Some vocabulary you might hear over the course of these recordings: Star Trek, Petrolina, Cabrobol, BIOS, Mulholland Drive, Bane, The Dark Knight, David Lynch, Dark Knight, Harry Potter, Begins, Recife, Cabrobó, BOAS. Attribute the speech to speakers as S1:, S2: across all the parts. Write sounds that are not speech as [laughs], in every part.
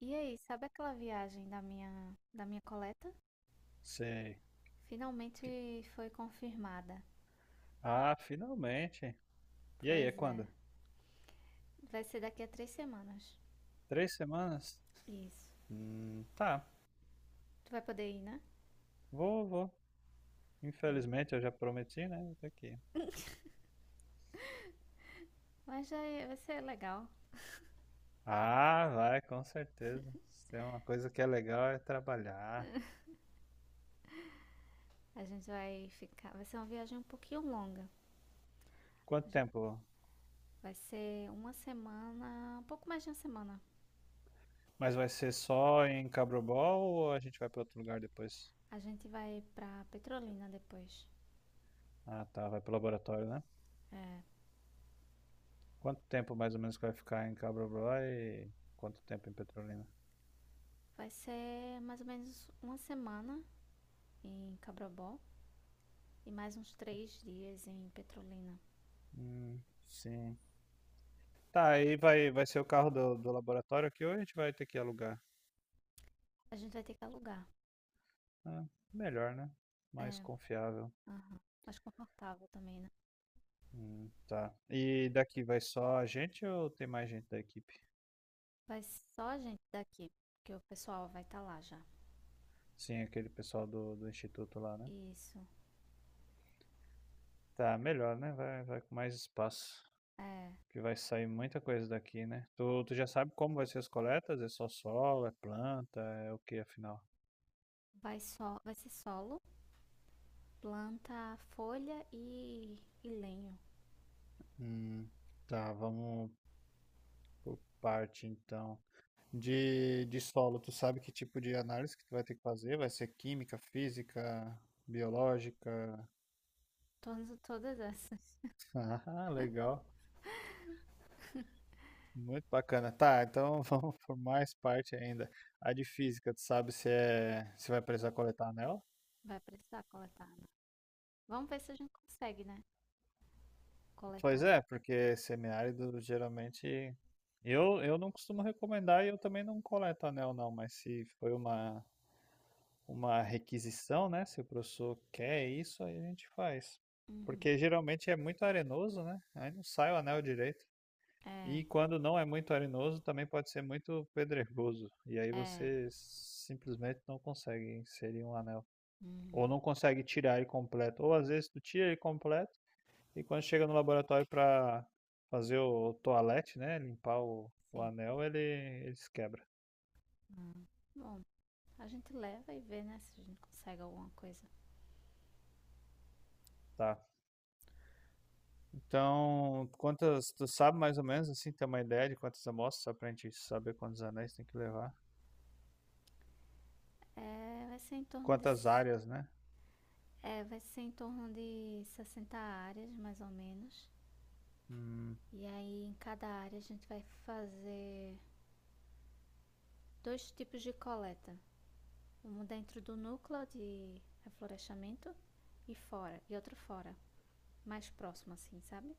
S1: E aí, sabe aquela viagem da minha coleta?
S2: Sei. Que-
S1: Finalmente foi confirmada.
S2: Ah, finalmente. E aí, é
S1: Pois é,
S2: quando?
S1: vai ser daqui a três semanas.
S2: Três semanas?
S1: Isso.
S2: Tá.
S1: Tu vai poder ir, né?
S2: Vou, vou. Infelizmente, eu já prometi, né? Eu tô aqui.
S1: Vai ser legal.
S2: Ah, vai, com certeza. Se tem uma coisa que é legal é trabalhar.
S1: A gente vai ficar. Vai ser uma viagem um pouquinho longa.
S2: Quanto tempo?
S1: Vai ser uma semana, um pouco mais de uma semana.
S2: Mas vai ser só em Cabrobol ou a gente vai para outro lugar depois?
S1: A gente vai pra Petrolina depois.
S2: Ah, tá. Vai pro laboratório, né? Quanto tempo mais ou menos que vai ficar em Cabrobol e quanto tempo em Petrolina?
S1: Vai ser mais ou menos uma semana em Cabrobó e mais uns três dias em Petrolina.
S2: Hum, sim. Tá, aí vai ser o carro do laboratório aqui ou a gente vai ter que alugar?
S1: A gente vai ter que alugar.
S2: Ah, melhor, né? Mais
S1: É,
S2: confiável.
S1: aham. Mais confortável também, né?
S2: Tá. E daqui vai só a gente ou tem mais gente da equipe?
S1: Vai só a gente daqui, porque o pessoal vai estar lá já.
S2: Sim, aquele pessoal do instituto lá, né?
S1: Isso.
S2: Tá, melhor, né? Vai com mais espaço.
S1: É,
S2: Que vai sair muita coisa daqui, né? Tu já sabe como vai ser as coletas? É só solo, é planta, é o que afinal?
S1: vai ser solo, planta, folha e lenho.
S2: Hum, tá, vamos por parte então. De solo, tu sabe que tipo de análise que tu vai ter que fazer? Vai ser química, física, biológica?
S1: Todas, todas essas. [laughs]
S2: [laughs] Ah, legal. Muito bacana. Tá, então [laughs] vamos por mais parte ainda. A de física, tu sabe se vai precisar coletar anel?
S1: Vai precisar coletar, né? Vamos ver se a gente consegue, né?
S2: Pois
S1: Coletar.
S2: é, porque semiárido geralmente eu não costumo recomendar e eu também não coleto anel não, mas se foi uma requisição, né? Se o professor quer isso, aí a gente faz.
S1: Uhum.
S2: Porque geralmente é muito arenoso, né? Aí não sai o anel direito.
S1: É,
S2: E quando não é muito arenoso, também pode ser muito pedregoso. E aí
S1: é.
S2: você simplesmente não consegue inserir um anel. Ou
S1: Uhum.
S2: não consegue tirar ele completo. Ou às vezes tu tira ele completo e quando chega no laboratório para fazer o toalete, né? Limpar o
S1: Sim.
S2: anel, ele se quebra.
S1: Uhum. Bom, a gente leva e vê, né, se a gente consegue alguma coisa.
S2: Tá, então, tu sabe mais ou menos assim, ter uma ideia de quantas amostras, só pra gente saber quantos anéis tem que levar?
S1: É, vai ser em torno de,
S2: Quantas
S1: s-
S2: áreas, né?
S1: É, vai ser em torno de 60 áreas, mais ou menos.
S2: Hum,
S1: E aí, em cada área, a gente vai fazer dois tipos de coleta: um dentro do núcleo de reflorestamento e outro fora, mais próximo, assim, sabe?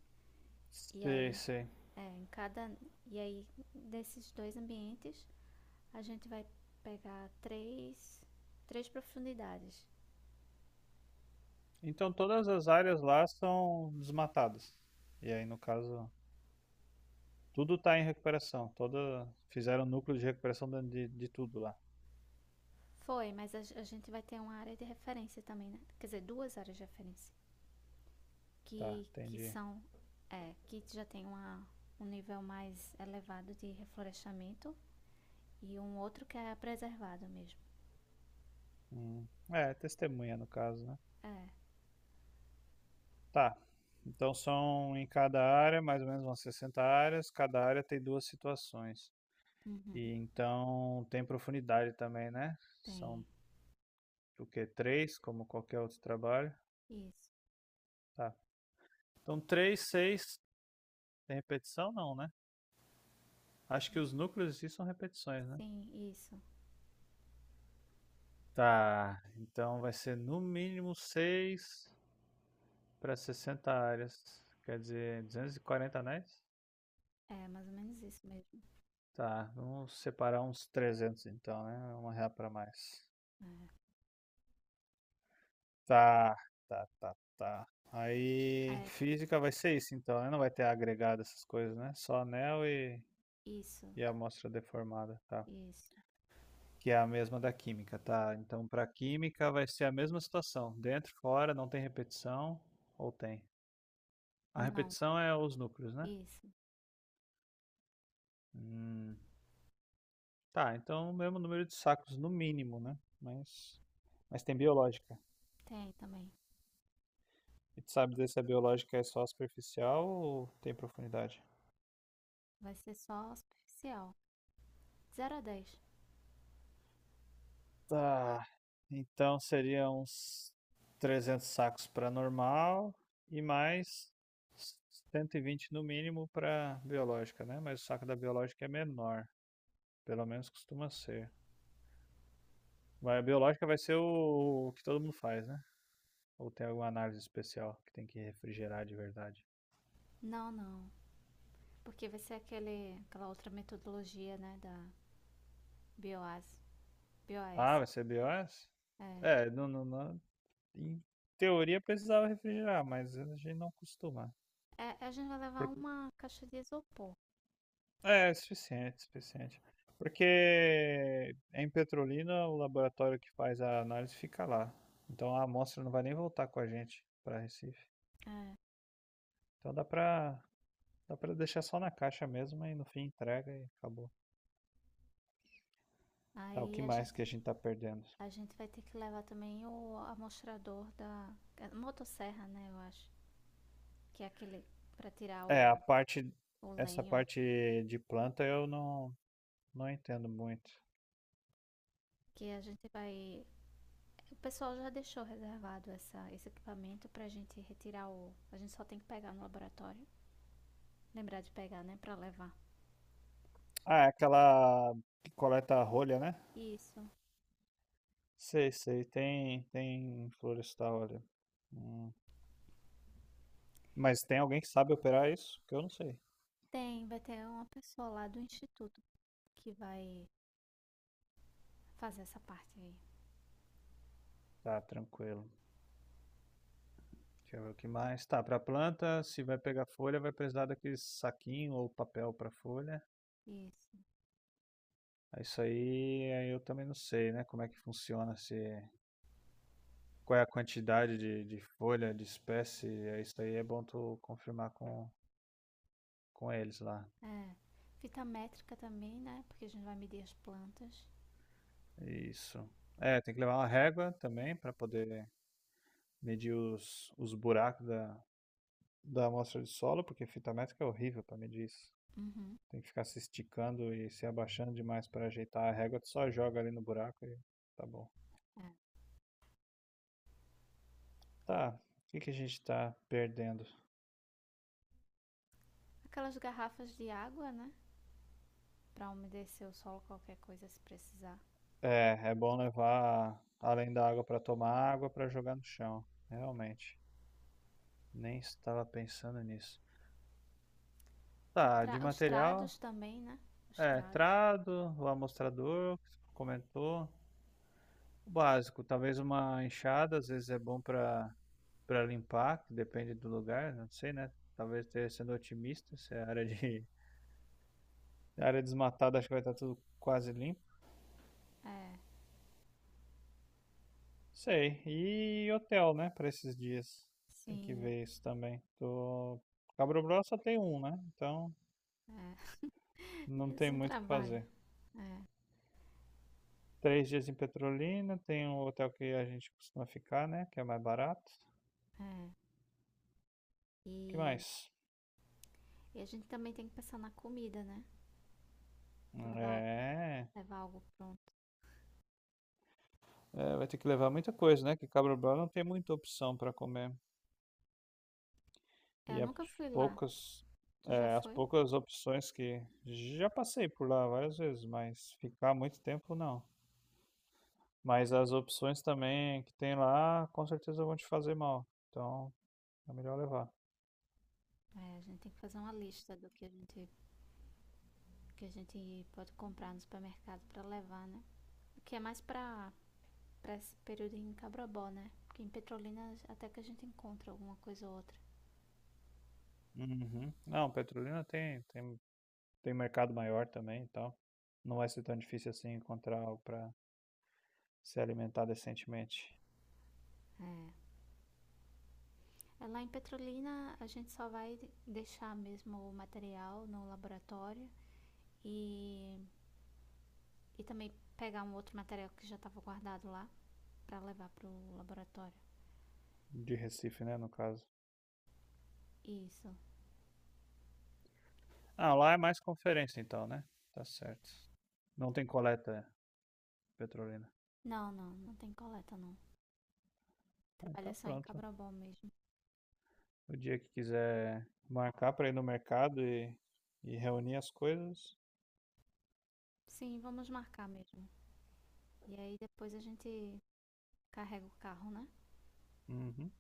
S1: E
S2: sei,
S1: aí,
S2: sei.
S1: é, em cada. E aí, desses dois ambientes, a gente vai pegar três profundidades.
S2: Então todas as áreas lá são desmatadas. E aí, no caso, tudo tá em recuperação. Fizeram núcleo de recuperação dentro de tudo lá.
S1: Foi, mas a gente vai ter uma área de referência também, né? Quer dizer, duas áreas de referência.
S2: Tá,
S1: Que
S2: entendi.
S1: são É, que já tem um nível mais elevado de reflorestamento e um outro que é preservado mesmo.
S2: É, testemunha no caso, né?
S1: É,
S2: Tá. Então são em cada área, mais ou menos umas 60 áreas. Cada área tem duas situações.
S1: uhum,
S2: E então tem profundidade também, né? São
S1: tem
S2: o quê? Três, como qualquer outro trabalho.
S1: isso.
S2: Tá. Então três, seis, tem repetição não, né? Acho que os núcleos em si são repetições, né?
S1: Sim, isso.
S2: Tá. Então vai ser no mínimo seis para 60 áreas. Quer dizer, 240 anéis?
S1: É mais ou menos isso mesmo.
S2: Tá. Vamos separar uns 300 então, né? Uma real para mais. Tá, tá, tá, tá.
S1: É,
S2: Aí,
S1: é
S2: física vai ser isso então, né? Não vai ter agregado essas coisas, né? Só anel e,
S1: isso,
S2: e amostra deformada, tá?
S1: isso.
S2: Que é a mesma da química, tá? Então, pra química vai ser a mesma situação. Dentro, fora, não tem repetição, ou tem? A
S1: Não,
S2: repetição é os núcleos, né?
S1: isso.
S2: Hum, tá, então o mesmo número de sacos, no mínimo, né? Mas tem biológica.
S1: Tem também.
S2: E tu sabe dizer se a biológica é só superficial ou tem profundidade?
S1: Vai ser só superficial, zero a dez.
S2: Tá. Então seria uns 300 sacos para normal e mais 120 no mínimo para biológica, né? Mas o saco da biológica é menor, pelo menos costuma ser. Mas a biológica vai ser o que todo mundo faz, né? Ou tem alguma análise especial que tem que refrigerar de verdade?
S1: Não, não. Porque vai ser aquela outra metodologia, né, da BOAS.
S2: Ah,
S1: BOAS.
S2: vai ser BIOS?
S1: É.
S2: É, não, não, em teoria precisava refrigerar, mas a gente não costuma.
S1: É, a gente vai levar uma caixa de isopor.
S2: É suficiente, suficiente. Porque em Petrolina o laboratório que faz a análise fica lá. Então a amostra não vai nem voltar com a gente para Recife.
S1: É.
S2: Então dá pra deixar só na caixa mesmo e no fim entrega e acabou. Tá, o que
S1: Aí a
S2: mais
S1: gente,
S2: que a gente tá perdendo?
S1: a gente vai ter que levar também o amostrador da a motosserra, né? Eu acho. Que é aquele para tirar
S2: É,
S1: o
S2: essa
S1: lenho.
S2: parte de planta eu não entendo muito.
S1: Que a gente vai. O pessoal já deixou reservado esse equipamento pra gente retirar o. A gente só tem que pegar no laboratório. Lembrar de pegar, né? Pra levar.
S2: Ah, é aquela que coleta a rolha, né?
S1: Isso.
S2: Sei, sei, tem em florestal ali. Hum. Mas tem alguém que sabe operar isso? Que eu não sei.
S1: Tem, vai ter uma pessoa lá do instituto que vai fazer essa parte aí.
S2: Tá, tranquilo. Deixa eu ver o que mais. Tá, pra planta, se vai pegar folha, vai precisar daquele saquinho ou papel pra folha.
S1: Isso.
S2: É isso aí, eu também não sei, né? Como é que funciona, se qual é a quantidade de folha, de espécie. É isso aí é bom tu confirmar com eles lá.
S1: É. Fita métrica também, né? Porque a gente vai medir as plantas.
S2: Isso. É, tem que levar uma régua também pra poder medir os buracos da amostra de solo, porque fita métrica é horrível pra medir isso.
S1: Uhum.
S2: Tem que ficar se esticando e se abaixando demais para ajeitar a régua. Tu só joga ali no buraco e tá bom.
S1: É.
S2: Tá, o que que a gente tá perdendo?
S1: Aquelas garrafas de água, né? Pra umedecer o solo, qualquer coisa se precisar.
S2: É, é bom levar, além da água para tomar, água para jogar no chão. Realmente, nem estava pensando nisso. Tá, de
S1: Os
S2: material,
S1: trados também, né? Os
S2: é,
S1: trados.
S2: trado, o amostrador, comentou. O básico, talvez uma enxada, às vezes é bom para limpar, que depende do lugar, não sei, né? Talvez esteja sendo otimista, se é área desmatada, acho que vai estar tudo quase limpo.
S1: É,
S2: Sei. E hotel, né? Para esses dias. Tem que
S1: sim.
S2: ver isso também. Tô. Cabo Brabo só tem um, né? Então
S1: É. [laughs]
S2: não
S1: Menos
S2: tem
S1: um
S2: muito o que
S1: trabalho.
S2: fazer. 3 dias em Petrolina. Tem um hotel que a gente costuma ficar, né? Que é mais barato.
S1: É. E...
S2: O que mais?
S1: e a gente também tem que pensar na comida, né? Levar, al-
S2: É.
S1: levar algo pronto.
S2: é, vai ter que levar muita coisa, né? Que Cabo Brabo não tem muita opção para comer.
S1: É, eu
S2: E
S1: nunca fui lá.
S2: poucas,
S1: Tu já
S2: é, as
S1: foi?
S2: poucas opções que já passei por lá várias vezes, mas ficar muito tempo não. Mas as opções também que tem lá, com certeza vão te fazer mal. Então, é melhor levar.
S1: É, a gente tem que fazer uma lista do que a gente pode comprar no supermercado pra levar, né? Que é mais pra, pra esse período em Cabrobó, né? Porque em Petrolina até que a gente encontra alguma coisa ou outra.
S2: Uhum. Não, Petrolina tem mercado maior também, então não vai ser tão difícil assim encontrar algo para se alimentar decentemente.
S1: É. Lá em Petrolina a gente só vai deixar mesmo o material no laboratório e, e também pegar um outro material que já estava guardado lá pra levar pro laboratório.
S2: De Recife, né, no caso.
S1: Isso.
S2: Ah, lá é mais conferência então, né? Tá certo. Não tem coleta, Petrolina.
S1: Não tem coleta não.
S2: Ah,
S1: Trabalha
S2: então
S1: só em
S2: pronto.
S1: Cabrobó mesmo.
S2: O dia que quiser marcar para ir no mercado e reunir as coisas.
S1: Sim, vamos marcar mesmo. E aí depois a gente carrega o carro, né?
S2: Uhum.